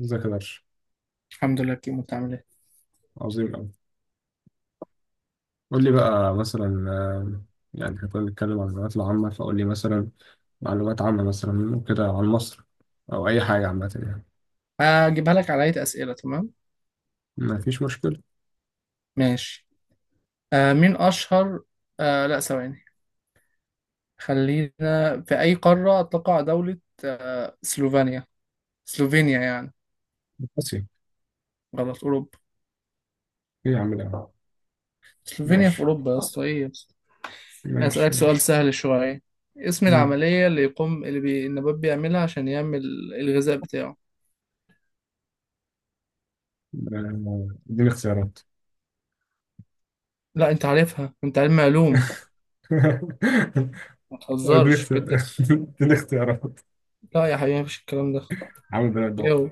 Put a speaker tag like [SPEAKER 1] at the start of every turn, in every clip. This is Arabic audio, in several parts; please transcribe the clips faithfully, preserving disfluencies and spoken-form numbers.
[SPEAKER 1] ازيك يا درش.
[SPEAKER 2] الحمد لله كيمو بتعمل ايه؟
[SPEAKER 1] عظيم أوي. قول لي بقى مثلا، آه، يعني احنا كنا بنتكلم عن المعلومات العامة، فقول لي مثلا معلومات عامة مثلا كده عن مصر، أو أي حاجة عامة يعني.
[SPEAKER 2] هجيبها لك على هيئة أسئلة. تمام،
[SPEAKER 1] ما فيش مشكلة.
[SPEAKER 2] ماشي. آه مين أشهر؟ آه لا، ثواني، خلينا. في أي قارة تقع دولة سلوفينيا؟ سلوفينيا يعني
[SPEAKER 1] بس إيه؟
[SPEAKER 2] غلط؟ أوروبا.
[SPEAKER 1] يا عم ده.
[SPEAKER 2] سلوفينيا في
[SPEAKER 1] ماشي
[SPEAKER 2] أوروبا يا اسطى، إيه يا اسطى؟
[SPEAKER 1] ماشي
[SPEAKER 2] أسألك سؤال
[SPEAKER 1] ماشي.
[SPEAKER 2] سهل شوية. اسم
[SPEAKER 1] مم.
[SPEAKER 2] العملية اللي يقوم، اللي بي... النبات بيعملها عشان يعمل الغذاء بتاعه.
[SPEAKER 1] آه، اديني اختيارات.
[SPEAKER 2] لا أنت عارفها، أنت علم علوم. ما
[SPEAKER 1] اديني
[SPEAKER 2] تهزرش كده.
[SPEAKER 1] اختيارات. اديني اختيارات
[SPEAKER 2] لا يا حبيبي، مفيش الكلام ده.
[SPEAKER 1] عامل بنات
[SPEAKER 2] إيه
[SPEAKER 1] ضوء.
[SPEAKER 2] هو؟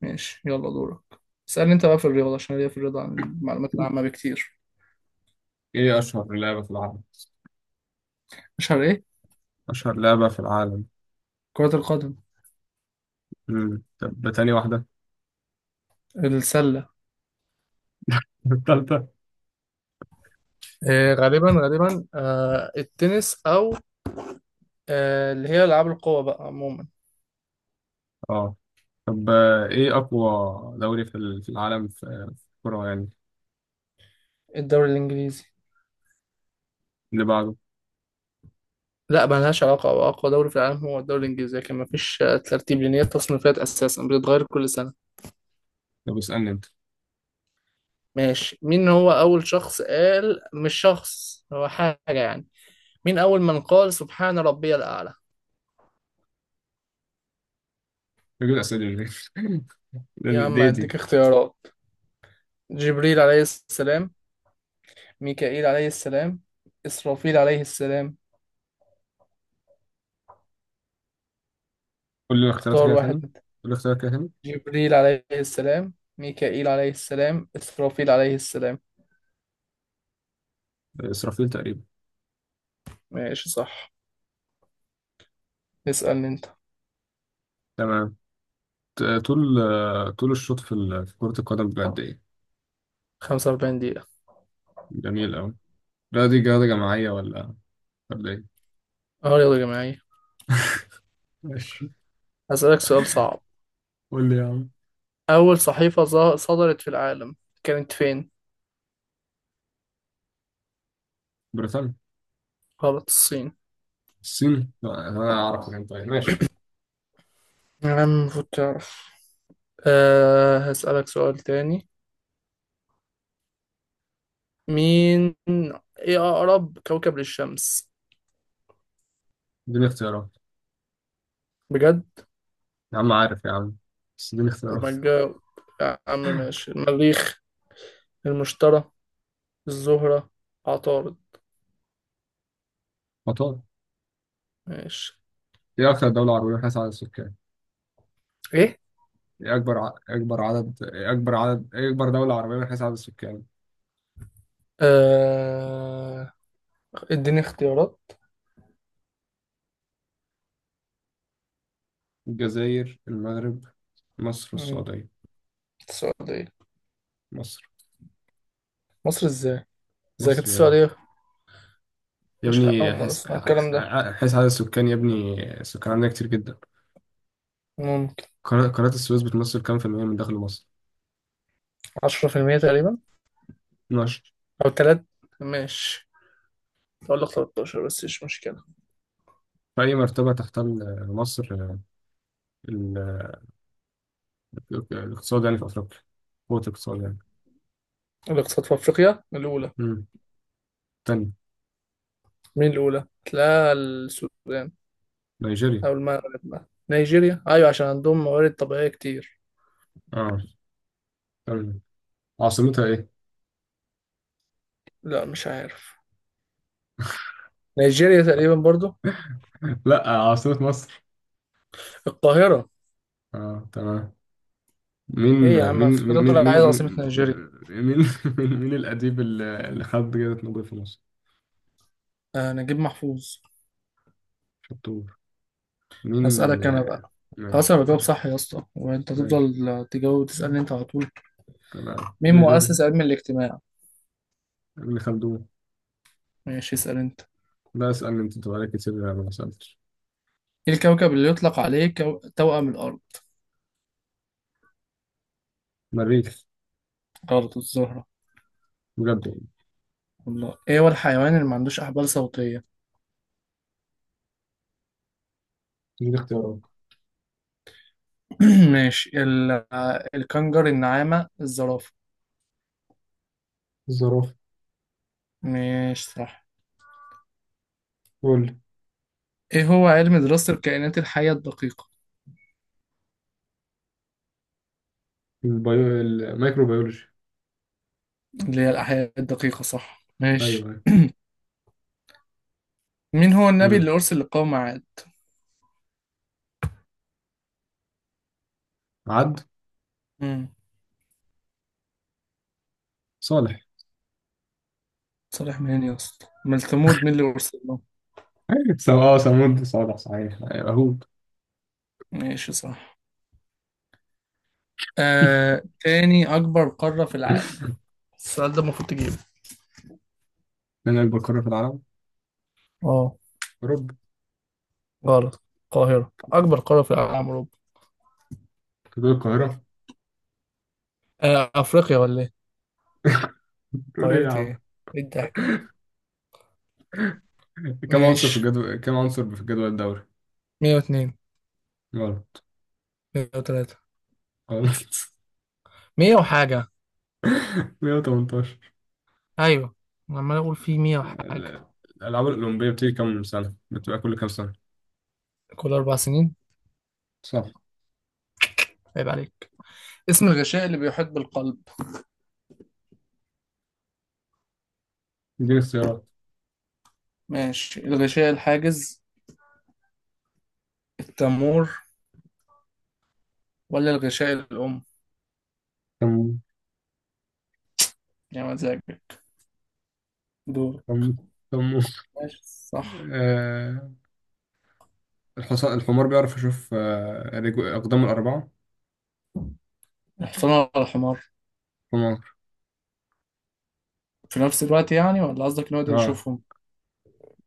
[SPEAKER 2] ماشي، يلا دورك. اسألني انت بقى في الرياضة، عشان ليا في الرياضة عن المعلومات العامة بكتير.
[SPEAKER 1] ايه أشهر لعبة في العالم؟
[SPEAKER 2] مش على ايه؟
[SPEAKER 1] أشهر لعبة في العالم.
[SPEAKER 2] كرة القدم.
[SPEAKER 1] مم. طب تاني واحدة.
[SPEAKER 2] السلة.
[SPEAKER 1] التالتة.
[SPEAKER 2] آه، غالبا غالبا آه التنس، او آه اللي هي العاب القوى بقى عموما.
[SPEAKER 1] اه. طب آه، ايه اقوى دوري في ال- في العالم، في في الكرة يعني.
[SPEAKER 2] الدوري الانجليزي.
[SPEAKER 1] اللي بعده؟
[SPEAKER 2] لا ملهاش علاقة، هو اقوى دوري في العالم هو الدوري الانجليزي، لكن مفيش آه، ترتيب، لان هي التصنيفات اساسا بتتغير كل سنة.
[SPEAKER 1] طب اسألني انت.
[SPEAKER 2] ماشي، مين هو اول شخص قال، مش شخص، هو حاجة يعني، مين اول من قال سبحان ربي الاعلى؟
[SPEAKER 1] بجيب الاسئله دي
[SPEAKER 2] يا
[SPEAKER 1] ليه؟
[SPEAKER 2] عم
[SPEAKER 1] دي دي.
[SPEAKER 2] اديك اختيارات. جبريل عليه السلام، ميكائيل عليه السلام، إسرافيل عليه السلام.
[SPEAKER 1] قول لي الاختيارات
[SPEAKER 2] اختار
[SPEAKER 1] كده تاني.
[SPEAKER 2] واحد
[SPEAKER 1] قول
[SPEAKER 2] منهم.
[SPEAKER 1] لي الاختيارات كده تاني.
[SPEAKER 2] جبريل عليه السلام، ميكائيل عليه السلام، إسرافيل عليه السلام.
[SPEAKER 1] آه، اسرافيل تقريبا.
[SPEAKER 2] ماشي صح. اسألني أنت.
[SPEAKER 1] تمام. ت- طول، آه، طول الشوط في ال- في كرة القدم بجد ايه؟
[SPEAKER 2] خمسة وأربعين دقيقة.
[SPEAKER 1] جميل قوي. لا دي رياضة جماعية ولا ولا ايه؟
[SPEAKER 2] اه رياضة جماعية.
[SPEAKER 1] ماشي.
[SPEAKER 2] هسألك سؤال صعب.
[SPEAKER 1] قول لي يا عم.
[SPEAKER 2] أول صحيفة ظ- صدرت في العالم كانت فين؟
[SPEAKER 1] بريطانيا.
[SPEAKER 2] غلط، الصين.
[SPEAKER 1] الصين؟ لا انا اعرف، انت طيب ماشي.
[SPEAKER 2] يا عم المفروض تعرف. أه، هسألك سؤال تاني. مين، إيه أقرب كوكب للشمس؟
[SPEAKER 1] اديني اختيارات.
[SPEAKER 2] بجد؟
[SPEAKER 1] يا عم عارف يا عم، بس اديني
[SPEAKER 2] طب
[SPEAKER 1] اختيارات.
[SPEAKER 2] ما تجاوب يا عم. ماشي، المريخ، المشتري، الزهرة، عطارد.
[SPEAKER 1] مطار.
[SPEAKER 2] ماشي.
[SPEAKER 1] ايه اكتر دولة عربية من حيث عدد السكان؟
[SPEAKER 2] ايه
[SPEAKER 1] إيه أكبر ع... أكبر عدد إيه أكبر عدد إيه أكبر دولة عربية من حيث عدد السكان؟
[SPEAKER 2] آه... اديني اختيارات.
[SPEAKER 1] الجزائر، المغرب، مصر
[SPEAKER 2] مم.
[SPEAKER 1] والسعودية.
[SPEAKER 2] السعودية.
[SPEAKER 1] مصر.
[SPEAKER 2] مصر ازاي؟ زي كانت
[SPEAKER 1] مصر يا ابني،
[SPEAKER 2] السعودية.
[SPEAKER 1] يا
[SPEAKER 2] مش أول
[SPEAKER 1] ابني،
[SPEAKER 2] مرة
[SPEAKER 1] حيث
[SPEAKER 2] أسمع الكلام ده.
[SPEAKER 1] ع- حيث عدد السكان يا ابني. السكان عندنا كتير جدا.
[SPEAKER 2] ممكن.
[SPEAKER 1] قناة قناة السويس بتمثل كام في المية من دخل مصر؟
[SPEAKER 2] عشرة في المية تقريبا،
[SPEAKER 1] اتناشر.
[SPEAKER 2] أو تلات. ماشي، أقول لك تلتاشر بس مش مشكلة.
[SPEAKER 1] في أي مرتبة تحتل مصر ال- ال- الاقتصاد يعني في أفريقيا، قوة الاقتصاد يعني؟
[SPEAKER 2] الاقتصاد في أفريقيا الأولى.
[SPEAKER 1] مم. تاني.
[SPEAKER 2] مين الأولى؟ تلاقي السودان
[SPEAKER 1] نيجيريا.
[SPEAKER 2] أو المغرب بقى، نيجيريا أيوة عشان عندهم موارد طبيعية كتير.
[SPEAKER 1] اه تمام. عاصمتها إيه؟
[SPEAKER 2] لا مش عارف، نيجيريا تقريبا برضو.
[SPEAKER 1] لا، عاصمة مصر.
[SPEAKER 2] القاهرة.
[SPEAKER 1] اه تمام. مين
[SPEAKER 2] ايه يا
[SPEAKER 1] مين
[SPEAKER 2] عم،
[SPEAKER 1] مين
[SPEAKER 2] افتكرت تقول
[SPEAKER 1] مين مين
[SPEAKER 2] عايز عاصمة نيجيريا.
[SPEAKER 1] مين مين، مين، مين الأديب اللي اللي خد جائزة نوبل في مصر؟
[SPEAKER 2] آه نجيب محفوظ.
[SPEAKER 1] شطور. مين
[SPEAKER 2] هسألك أنا
[SPEAKER 1] آه،
[SPEAKER 2] بقى. خلاص
[SPEAKER 1] ماشي
[SPEAKER 2] أنا بجاوب
[SPEAKER 1] يلا.
[SPEAKER 2] صح يا اسطى، وأنت
[SPEAKER 1] ماشي
[SPEAKER 2] تفضل تجاوب وتسألني أنت على طول.
[SPEAKER 1] تمام
[SPEAKER 2] مين
[SPEAKER 1] ميجر.
[SPEAKER 2] مؤسس علم الاجتماع؟
[SPEAKER 1] ابن خلدون.
[SPEAKER 2] ماشي اسأل أنت.
[SPEAKER 1] لا اسأل انت انت بقالك كتير انا ما سألتش.
[SPEAKER 2] إيه الكوكب اللي يطلق عليه كو... توأم الأرض؟
[SPEAKER 1] مريخ.
[SPEAKER 2] غلط، الزهرة.
[SPEAKER 1] بجد والله.
[SPEAKER 2] والله، إيه هو الحيوان اللي ما عندوش أحبال صوتية؟
[SPEAKER 1] دي اختيارات.
[SPEAKER 2] ماشي ال... آه، الكنجر، النعامة، الزرافة.
[SPEAKER 1] الزرافة.
[SPEAKER 2] ماشي صح.
[SPEAKER 1] قول.
[SPEAKER 2] إيه هو علم دراسة الكائنات الحية الدقيقة؟
[SPEAKER 1] البيو... الميكروبيولوجي.
[SPEAKER 2] اللي هي الأحياء الدقيقة، صح
[SPEAKER 1] ايوه
[SPEAKER 2] ماشي.
[SPEAKER 1] ايوه.
[SPEAKER 2] مين هو النبي
[SPEAKER 1] مم.
[SPEAKER 2] اللي أرسل لقوم
[SPEAKER 1] عد.
[SPEAKER 2] عاد؟
[SPEAKER 1] صالح.
[SPEAKER 2] صالح منين يا اسطى؟ من ثمود، مين اللي ارسل له؟
[SPEAKER 1] أيوة. سم... اه سمود صالح صحيح، ايوه هود.
[SPEAKER 2] ماشي صح. آه، تاني اكبر قارة في العالم؟ السؤال ده المفروض تجيبه.
[SPEAKER 1] من البقرة في العالم.
[SPEAKER 2] اه.
[SPEAKER 1] اوروبا.
[SPEAKER 2] غلط، القاهرة. اكبر قارة في العالم اوروبا؟
[SPEAKER 1] تقول القاهرة؟
[SPEAKER 2] آه افريقيا ولا ايه؟
[SPEAKER 1] تقول ايه
[SPEAKER 2] قاهرة
[SPEAKER 1] يا عم؟
[SPEAKER 2] ايه؟ ايه الضحك ده؟
[SPEAKER 1] كم عنصر في
[SPEAKER 2] ماشي.
[SPEAKER 1] الجدول، كم عنصر في الجدول الدوري؟
[SPEAKER 2] مية واتنين.
[SPEAKER 1] غلط.
[SPEAKER 2] مية وتلاتة.
[SPEAKER 1] غلط.
[SPEAKER 2] مية وحاجة.
[SPEAKER 1] مية وتمنتاشر.
[SPEAKER 2] ايوه. أنا عمال اقول في مائة وحاجة.
[SPEAKER 1] ال- الألعاب الأولمبية بتيجي كم سنة؟ بتبقى كل كم سنة؟
[SPEAKER 2] كل اربع سنين.
[SPEAKER 1] صح.
[SPEAKER 2] عيب عليك. اسم الغشاء اللي بيحيط بالقلب.
[SPEAKER 1] اديني اختيارات.
[SPEAKER 2] ماشي، الغشاء الحاجز، التمور، ولا الغشاء الأم.
[SPEAKER 1] كم.
[SPEAKER 2] يا مزاجك. دور.
[SPEAKER 1] كم. كم.
[SPEAKER 2] ماشي صح.
[SPEAKER 1] آه... الحصان، الحمار بيعرف يشوف آه... رجو... أقدام الأربعة؟
[SPEAKER 2] الحصان ولا الحمار؟
[SPEAKER 1] حمار.
[SPEAKER 2] في نفس الوقت يعني، ولا قصدك انه يقدر
[SPEAKER 1] آه.
[SPEAKER 2] يشوفهم؟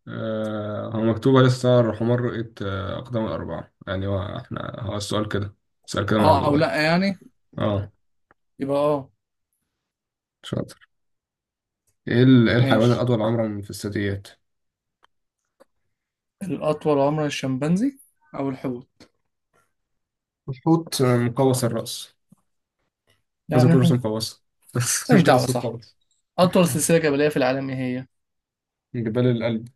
[SPEAKER 1] آه... هو مكتوبة لسه الحمار رؤية آه... أقدام الأربعة، يعني هو احنا هو السؤال كده، السؤال كده مع
[SPEAKER 2] اه او
[SPEAKER 1] الموبايل.
[SPEAKER 2] لا يعني.
[SPEAKER 1] اه.
[SPEAKER 2] يبقى اه.
[SPEAKER 1] شاطر. ايه ال- إيه الحيوان
[SPEAKER 2] ماشي،
[SPEAKER 1] الأطول عمرا في الثدييات؟
[SPEAKER 2] الاطول عمرا الشمبانزي او الحوت.
[SPEAKER 1] الحوت مقوس الرأس. لازم
[SPEAKER 2] يعني
[SPEAKER 1] يكون رأسه
[SPEAKER 2] الحوت.
[SPEAKER 1] مقوسة. لازم
[SPEAKER 2] ماليش
[SPEAKER 1] يكون
[SPEAKER 2] دعوه،
[SPEAKER 1] رأسه
[SPEAKER 2] صح.
[SPEAKER 1] مقوس.
[SPEAKER 2] اطول سلسله جبليه في العالم ايه هي؟
[SPEAKER 1] من جبال القلب.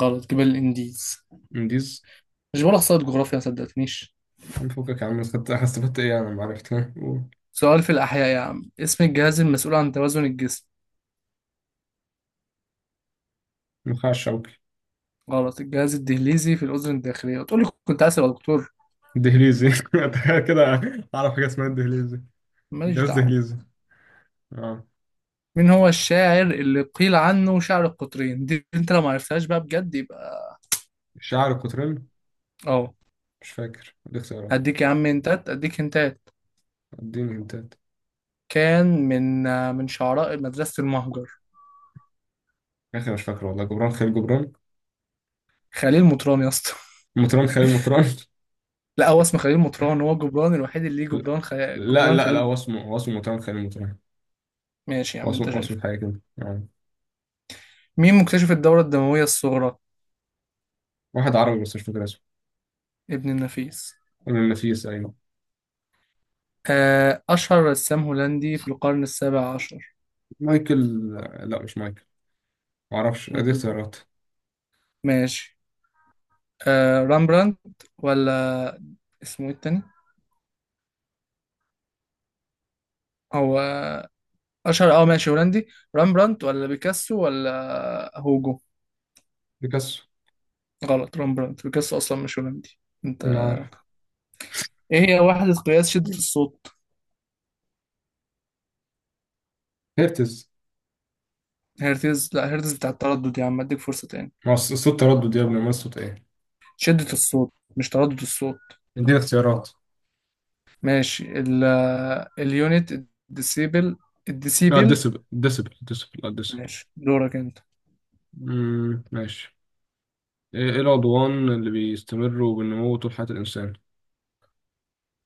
[SPEAKER 2] غلط، جبال الانديز.
[SPEAKER 1] منديز.
[SPEAKER 2] مش بقول احصائيات جغرافيا؟ ما صدقتنيش.
[SPEAKER 1] عم فكك يا عم، خدت استفدت ايه؟ انا ما عرفت، ها؟ قول.
[SPEAKER 2] سؤال في الاحياء يا عم، اسم الجهاز المسؤول عن توازن الجسم.
[SPEAKER 1] النخاع الشوكي.
[SPEAKER 2] غلط، الجهاز الدهليزي في الاذن الداخليه. تقول لي كنت عايز ابقى دكتور.
[SPEAKER 1] الدهليزي. تخيل كده، اعرف حاجة اسمها الدهليزي،
[SPEAKER 2] ماليش
[SPEAKER 1] جهاز
[SPEAKER 2] دعوه.
[SPEAKER 1] دهليزي. اه.
[SPEAKER 2] مين هو الشاعر اللي قيل عنه شاعر القطرين؟ دي انت لو ما عرفتهاش بقى بجد يبقى
[SPEAKER 1] الشاعر القطرين.
[SPEAKER 2] اه.
[SPEAKER 1] مش فاكر، دي اختيارات.
[SPEAKER 2] هديك يا عم انتات، اديك انتات.
[SPEAKER 1] اديني هنتات.
[SPEAKER 2] كان من آه، من شعراء مدرسة المهجر.
[SPEAKER 1] يا اخي مش فاكر والله، جبران خليل جبران.
[SPEAKER 2] خليل مطران يا اسطى.
[SPEAKER 1] مطران خليل مطران.
[SPEAKER 2] لا، هو اسمه خليل مطران، هو جبران الوحيد اللي ليه
[SPEAKER 1] لا،
[SPEAKER 2] جبران خي...
[SPEAKER 1] لا
[SPEAKER 2] جبران
[SPEAKER 1] لا لا،
[SPEAKER 2] خليل.
[SPEAKER 1] هو اسمه، هو اسمه مطران خليل مطران.
[SPEAKER 2] ماشي يا
[SPEAKER 1] هو
[SPEAKER 2] عم،
[SPEAKER 1] اسمه
[SPEAKER 2] انت
[SPEAKER 1] هو
[SPEAKER 2] شايف.
[SPEAKER 1] اسمه حاجة كده آه.
[SPEAKER 2] مين مكتشف الدورة الدموية الصغرى؟
[SPEAKER 1] واحد عربي بس مش فاكر اسمه.
[SPEAKER 2] ابن النفيس.
[SPEAKER 1] ابن النفيس، ايوه.
[SPEAKER 2] آه، أشهر رسام هولندي في القرن السابع عشر.
[SPEAKER 1] مايكل. لا مش مايكل. معرفش، ادي
[SPEAKER 2] أوكي.
[SPEAKER 1] اختيارات.
[SPEAKER 2] ماشي. آه، رامبراندت ولا اسمه ايه التاني، هو اشهر اه ماشي هولندي. رامبرانت ولا بيكاسو ولا هوجو؟
[SPEAKER 1] بيكاسو.
[SPEAKER 2] غلط، رامبرانت. بيكاسو اصلا مش هولندي. انت.
[SPEAKER 1] مين عارف.
[SPEAKER 2] ايه هي وحدة قياس شدة الصوت؟
[SPEAKER 1] هيرتز.
[SPEAKER 2] هرتز؟ لا، هرتز بتاع التردد يا عم. اديك فرصة تاني.
[SPEAKER 1] ما هو صوت تردد يا ابني، ما صوت ايه؟
[SPEAKER 2] شدة الصوت مش تردد الصوت.
[SPEAKER 1] اديني اختيارات.
[SPEAKER 2] ماشي، ال، اليونت، الديسيبل،
[SPEAKER 1] لا
[SPEAKER 2] الديسيبل.
[SPEAKER 1] ديسبل، ديسبل ديسبل لا ديسبل.
[SPEAKER 2] ماشي دورك انت.
[SPEAKER 1] مم، ماشي. ايه إيه العضوان اللي بيستمروا بالنمو طول حياة الانسان؟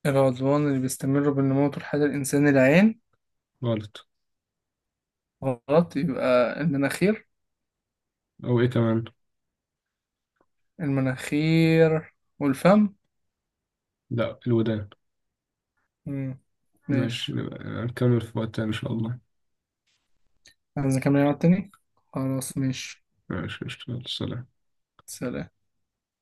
[SPEAKER 2] العضوان اللي بيستمر بالنمو طول حياة الإنسان، العين.
[SPEAKER 1] غلط.
[SPEAKER 2] غلط، يبقى المناخير.
[SPEAKER 1] او ايه كمان؟
[SPEAKER 2] المناخير والفم.
[SPEAKER 1] لا الودان.
[SPEAKER 2] مم.
[SPEAKER 1] ماشي
[SPEAKER 2] ماشي.
[SPEAKER 1] نبقى نكمل في وقت تاني ان شاء الله.
[SPEAKER 2] عايز اكمل العب تاني. خلاص ماشي.
[SPEAKER 1] ماشي قشطة. يلا، سلام.
[SPEAKER 2] سلام.